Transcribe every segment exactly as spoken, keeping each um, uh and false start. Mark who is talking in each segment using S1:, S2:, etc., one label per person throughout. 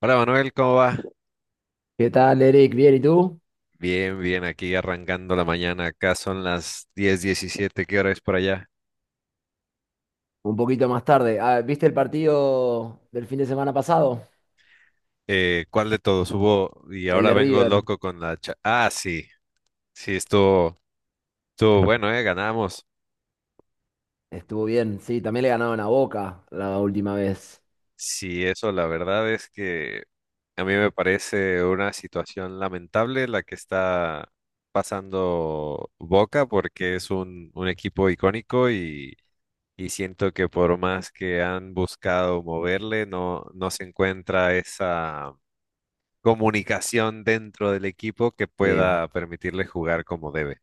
S1: Hola Manuel, ¿cómo va?
S2: ¿Qué tal, Eric? ¿Bien? ¿Y tú?
S1: Bien, bien, aquí arrancando la mañana. Acá son las diez diecisiete. ¿Qué hora es por allá?
S2: Un poquito más tarde. Ah, ¿viste el partido del fin de semana pasado?
S1: Eh, ¿cuál de todos hubo? Y
S2: El
S1: ahora
S2: de
S1: vengo
S2: River.
S1: loco con la cha- ah, sí, sí, estuvo, estuvo bueno, ¿eh? Ganamos.
S2: Estuvo bien, sí. También le ganaron a Boca la última vez.
S1: Sí, eso la verdad es que a mí me parece una situación lamentable la que está pasando Boca porque es un, un equipo icónico y, y siento que por más que han buscado moverle, no, no se encuentra esa comunicación dentro del equipo que
S2: Sí.
S1: pueda permitirle jugar como debe.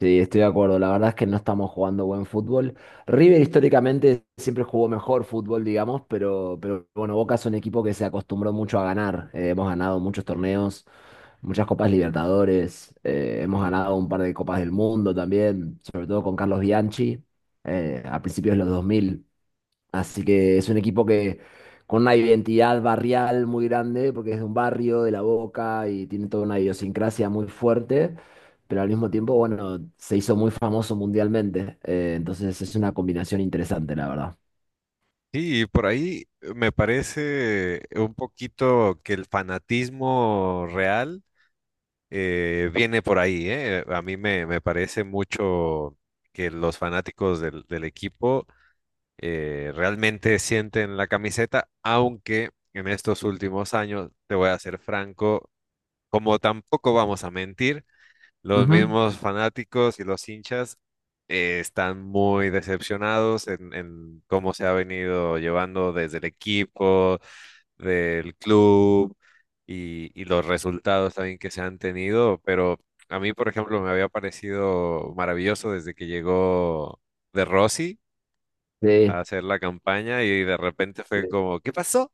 S2: Sí, estoy de acuerdo. La verdad es que no estamos jugando buen fútbol. River históricamente siempre jugó mejor fútbol, digamos, pero, pero bueno, Boca es un equipo que se acostumbró mucho a ganar. Eh, hemos ganado muchos torneos, muchas Copas Libertadores, eh, hemos ganado un par de Copas del Mundo también, sobre todo con Carlos Bianchi, eh, a principios de los dos mil. Así que es un equipo que con una identidad barrial muy grande, porque es de un barrio, de La Boca, y tiene toda una idiosincrasia muy fuerte, pero al mismo tiempo, bueno, se hizo muy famoso mundialmente. Eh, entonces es una combinación interesante, la verdad.
S1: Sí, y por ahí me parece un poquito que el fanatismo real eh, viene por ahí, ¿eh? A mí me, me parece mucho que los fanáticos del, del equipo eh, realmente sienten la camiseta, aunque en estos últimos años, te voy a ser franco, como tampoco vamos a mentir, los
S2: Ujú.
S1: mismos fanáticos y los hinchas eh, están muy decepcionados en, en cómo se ha venido llevando desde el equipo, del club y, y los resultados también que se han tenido. Pero a mí, por ejemplo, me había parecido maravilloso desde que llegó De Rossi a
S2: Sí,
S1: hacer la campaña y de repente
S2: sí.
S1: fue como, ¿qué pasó?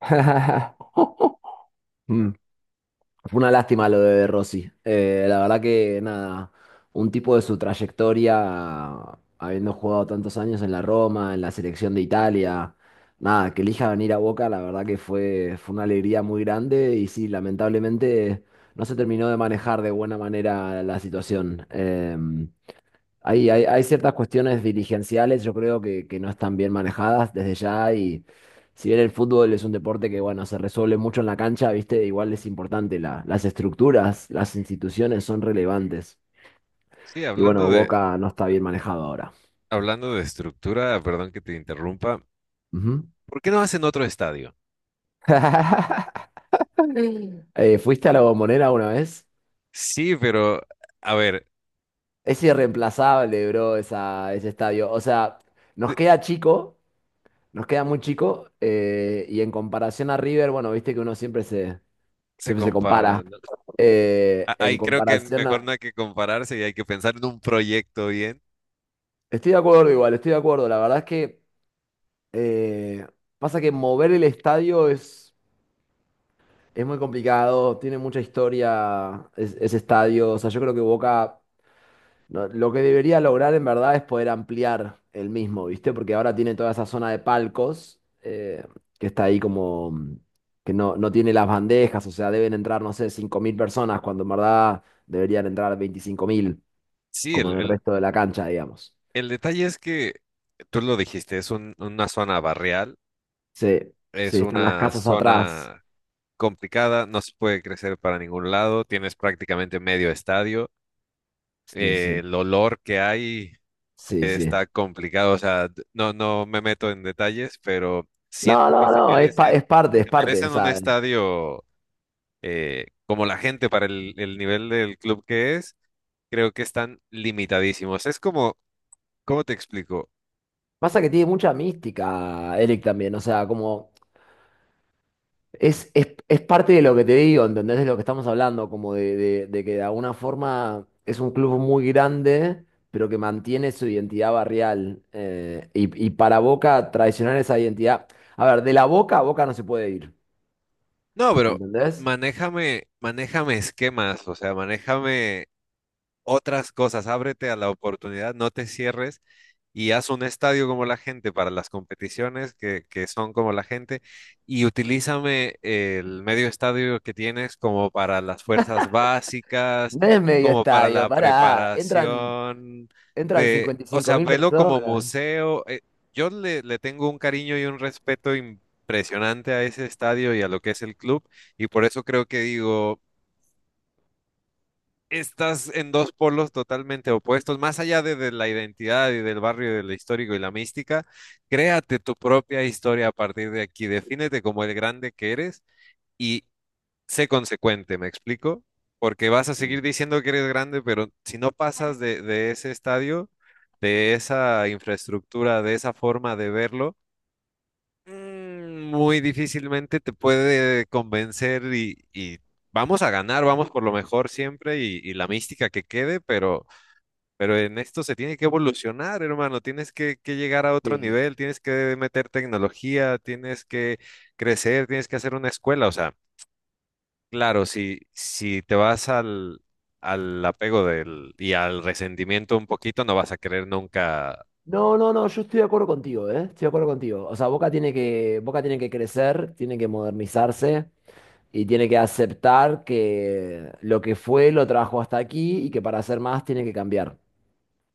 S2: Mm. Fue una lástima lo de Rossi. Eh, la verdad que nada, un tipo de su trayectoria, habiendo jugado tantos años en la Roma, en la selección de Italia, nada, que elija venir a Boca, la verdad que fue, fue una alegría muy grande y sí, lamentablemente no se terminó de manejar de buena manera la situación. Eh, hay, hay, hay ciertas cuestiones dirigenciales, yo creo que, que no están bien manejadas desde ya y si bien el fútbol es un deporte que, bueno, se resuelve mucho en la cancha, viste, igual es importante, la- las estructuras, las instituciones son relevantes.
S1: Sí,
S2: Y
S1: hablando
S2: bueno,
S1: de,
S2: Boca no está bien manejado ahora.
S1: hablando de estructura, perdón que te interrumpa,
S2: Ujú.
S1: ¿por qué no hacen otro estadio?
S2: Eh, ¿fuiste a la Bombonera una vez?
S1: Sí, pero a ver,
S2: Es irreemplazable, bro, esa, ese estadio. O sea, nos
S1: de-
S2: queda chico, nos queda muy chico, eh, y en comparación a River, bueno, viste que uno siempre se,
S1: se
S2: siempre se
S1: comparan,
S2: compara.
S1: ¿no?
S2: Eh,
S1: A-
S2: en
S1: Ahí creo que
S2: comparación
S1: mejor no
S2: a...
S1: hay que compararse y hay que pensar en un proyecto bien.
S2: Estoy de acuerdo igual, estoy de acuerdo. La verdad es que eh, pasa que mover el estadio es, es muy complicado, tiene mucha historia es- ese estadio. O sea, yo creo que Boca no, lo que debería lograr en verdad es poder ampliar el mismo, ¿viste? Porque ahora tiene toda esa zona de palcos eh, que está ahí como... mm, que no, no tiene las bandejas, o sea, deben entrar, no sé, cinco mil personas cuando en verdad deberían entrar veinticinco mil
S1: Sí,
S2: como
S1: el,
S2: en el
S1: el,
S2: resto de la cancha, digamos.
S1: el detalle es que tú lo dijiste, es un- una zona barrial,
S2: Sí,
S1: es
S2: sí, están las
S1: una
S2: casas atrás.
S1: zona complicada, no se puede crecer para ningún lado, tienes prácticamente medio estadio,
S2: Sí,
S1: eh,
S2: sí,
S1: el olor que hay
S2: sí,
S1: eh,
S2: sí.
S1: está complicado, o sea, d- no, no me meto en detalles, pero
S2: No,
S1: siento que
S2: no,
S1: se
S2: no, es, pa-
S1: merecen,
S2: es parte, es
S1: se
S2: parte. O
S1: merecen un
S2: sea,
S1: estadio. Eh, como la gente para el, el nivel del club que es, creo que están limitadísimos. Es como, ¿cómo te explico?
S2: pasa que tiene mucha mística, Eric, también. O sea, como es, es, es parte de lo que te digo, ¿entendés? De lo que estamos hablando, como de, de, de que de alguna forma es un club muy grande, pero que mantiene su identidad barrial. Eh, y, y para Boca, traicionar esa identidad. A ver, de la Boca a Boca no se puede ir,
S1: No, pero
S2: ¿entendés?
S1: manéjame, manéjame esquemas, o sea, manéjame otras cosas, ábrete a la oportunidad, no te cierres y haz un estadio como la gente para las competiciones que, que son como la gente, y utilízame el medio estadio que tienes como para las fuerzas básicas,
S2: No es medio
S1: como para
S2: estadio,
S1: la
S2: pará. Entran,
S1: preparación
S2: entran
S1: de,
S2: cincuenta y
S1: o
S2: cinco
S1: sea,
S2: mil
S1: velo como
S2: personas.
S1: museo. Eh, yo le, le tengo un cariño y un respeto impresionante a ese estadio y a lo que es el club, y por eso creo que digo estás en dos polos totalmente opuestos, más allá de, de la identidad y del barrio, del histórico y la mística, créate tu propia historia a partir de aquí, defínete como el grande que eres y sé consecuente, ¿me explico? Porque vas a
S2: Sí,
S1: seguir diciendo que eres grande, pero si no pasas de, de ese estadio, de esa infraestructura, de esa forma de verlo, Mm, muy difícilmente te puede convencer y, y vamos a ganar, vamos por lo mejor siempre y, y la mística que quede, pero, pero en esto se tiene que evolucionar, hermano, tienes que, que llegar a otro
S2: sí.
S1: nivel, tienes que meter tecnología, tienes que crecer, tienes que hacer una escuela, o sea, claro, si, si te vas al, al apego del, y al resentimiento un poquito, no vas a querer nunca.
S2: No, no, no, yo estoy de acuerdo contigo, ¿eh? Estoy de acuerdo contigo. O sea, Boca tiene que, Boca tiene que crecer, tiene que modernizarse y tiene que aceptar que lo que fue lo trajo hasta aquí y que para hacer más tiene que cambiar.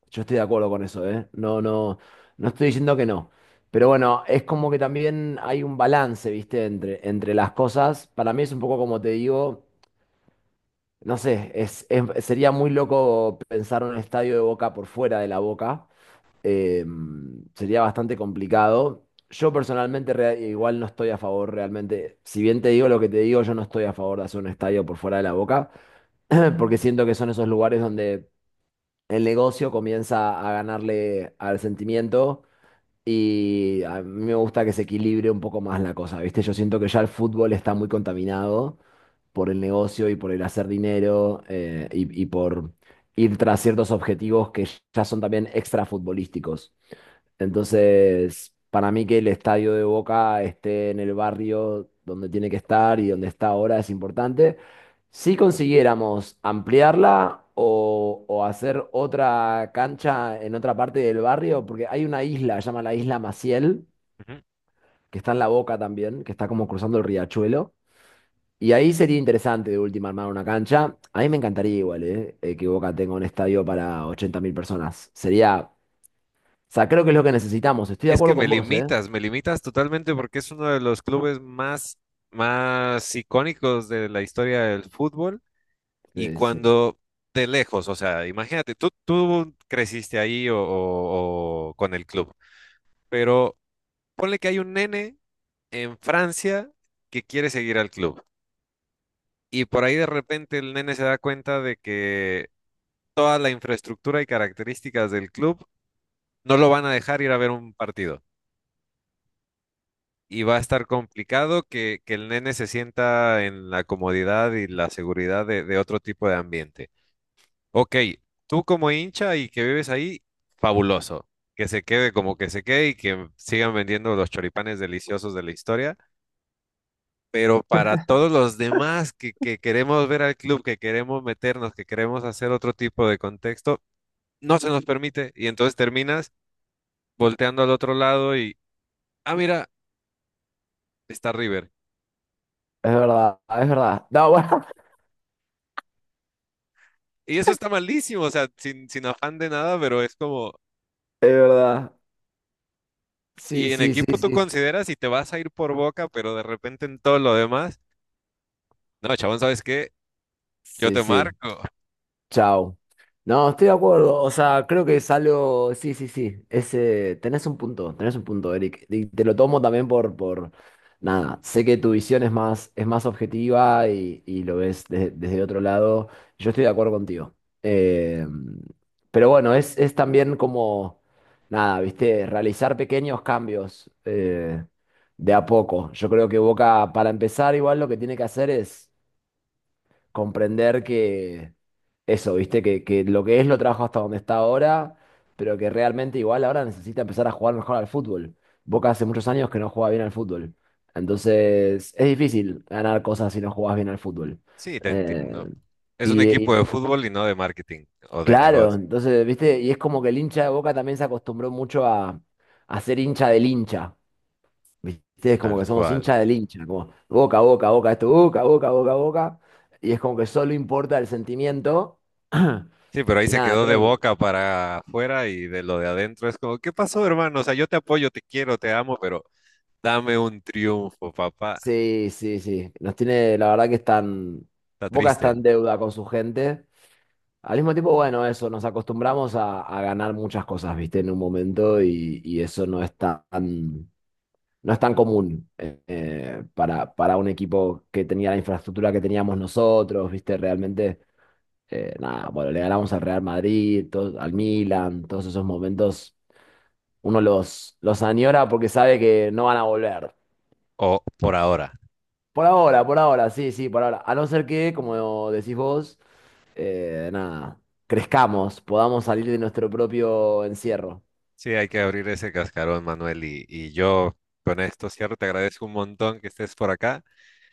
S2: Yo estoy de acuerdo con eso, ¿eh? No, no, no estoy diciendo que no. Pero bueno, es como que también hay un balance, ¿viste? Entre, entre las cosas. Para mí es un poco como te digo. No sé, es, es- sería muy loco pensar un estadio de Boca por fuera de la Boca. Eh, sería bastante complicado. Yo personalmente rea- igual no estoy a favor realmente. Si bien te digo lo que te digo, yo no estoy a favor de hacer un estadio por fuera de la Boca, porque siento que son esos lugares donde el negocio comienza a ganarle al sentimiento y a mí me gusta que se equilibre un poco más la cosa, ¿viste? Yo siento que ya el fútbol está muy contaminado por el negocio y por el hacer dinero eh, y, y por ir tras ciertos objetivos que ya son también extrafutbolísticos. Entonces, para mí que el estadio de Boca esté en el barrio donde tiene que estar y donde está ahora es importante. Si consiguiéramos ampliarla o, o hacer otra cancha en otra parte del barrio, porque hay una isla, se llama la Isla Maciel, que está en La Boca también, que está como cruzando el riachuelo. Y ahí sería interesante de última armar una cancha. A mí me encantaría igual, ¿eh? Eh, que Boca tenga un estadio para ochenta mil personas. Sería, o sea, creo que es lo que necesitamos. Estoy de
S1: Es
S2: acuerdo
S1: que me
S2: con vos, ¿eh?
S1: limitas, me limitas totalmente porque es uno de los clubes más, más icónicos de la historia del fútbol. Y
S2: Sí, sí.
S1: cuando de lejos, o sea, imagínate, tú, tú creciste ahí o, o- o con el club, pero ponle que hay un nene en Francia que quiere seguir al club. Y por ahí de repente el nene se da cuenta de que toda la infraestructura y características del club no lo van a dejar ir a ver un partido, y va a estar complicado que, que el nene se sienta en la comodidad y la seguridad de, de otro tipo de ambiente. Ok, tú como hincha y que vives ahí, fabuloso. Que se quede como que se quede, y que sigan vendiendo los choripanes deliciosos de la historia. Pero para todos los demás que, que queremos ver al club, que queremos meternos, que queremos hacer otro tipo de contexto, no se nos permite. Y entonces terminas volteando al otro lado y, ah, mira, está River.
S2: Es verdad, es verdad. No, bueno,
S1: Y eso está malísimo, o sea, sin, sin afán de nada, pero es como,
S2: es verdad. Sí,
S1: y en
S2: sí, sí,
S1: equipo tú
S2: sí.
S1: consideras y te vas a ir por Boca, pero de repente en todo lo demás, no, chabón, ¿sabes qué? Yo
S2: Sí,
S1: te
S2: sí.
S1: marco.
S2: Chao. No, estoy de acuerdo. O sea, creo que es algo. Sí, sí, sí. Ese... Tenés un punto, tenés un punto, Eric. Y te lo tomo también por, por. Nada. Sé que tu visión es más, es más objetiva y, y lo ves de- desde otro lado. Yo estoy de acuerdo contigo. Eh, Pero bueno, es, es también como. Nada, viste, realizar pequeños cambios eh, de a poco. Yo creo que Boca, para empezar, igual lo que tiene que hacer es comprender que eso, ¿viste? Que, que lo que es lo trajo hasta donde está ahora, pero que realmente igual ahora necesita empezar a jugar mejor al fútbol. Boca hace muchos años que no juega bien al fútbol. Entonces, es difícil ganar cosas si no jugás bien al fútbol.
S1: Sí, te
S2: Eh,
S1: entiendo. Es un
S2: y,
S1: equipo
S2: y
S1: de fútbol y no de marketing o de
S2: claro,
S1: negocio,
S2: entonces, ¿viste? Y es como que el hincha de Boca también se acostumbró mucho a, a ser hincha del hincha. ¿Viste? Es como que
S1: tal
S2: somos
S1: cual.
S2: hincha del hincha, como boca, boca, boca, esto, boca, boca, boca, boca. Y es como que solo importa el sentimiento.
S1: Sí, pero ahí
S2: Y
S1: se
S2: nada,
S1: quedó de
S2: creo que
S1: Boca para afuera y de lo de adentro es como, ¿qué pasó, hermano? O sea, yo te apoyo, te quiero, te amo, pero dame un triunfo, papá.
S2: sí, sí, sí. Nos tiene, la verdad que están,
S1: Está
S2: Boca está
S1: triste.
S2: en deuda con su gente. Al mismo tiempo, bueno, eso, nos acostumbramos a, a ganar muchas cosas, ¿viste? En un momento y, y eso no es tan, no es tan común eh, eh, para, para un equipo que tenía la infraestructura que teníamos nosotros, ¿viste? Realmente eh, nada, bueno, le ganamos al Real Madrid, to- al Milan, todos esos momentos, uno los, los añora porque sabe que no van a volver.
S1: O por ahora.
S2: Por ahora, por ahora, sí, sí, por ahora. A no ser que, como decís vos, eh, nada, crezcamos, podamos salir de nuestro propio encierro.
S1: Sí, hay que abrir ese cascarón, Manuel. Y, y yo con esto cierro, te agradezco un montón que estés por acá.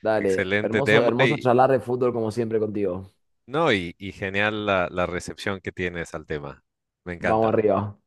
S2: Dale,
S1: Excelente
S2: hermoso,
S1: tema
S2: hermoso
S1: y
S2: charlar de fútbol como siempre contigo.
S1: no, y, y genial la, la recepción que tienes al tema. Me
S2: Vamos
S1: encanta.
S2: arriba.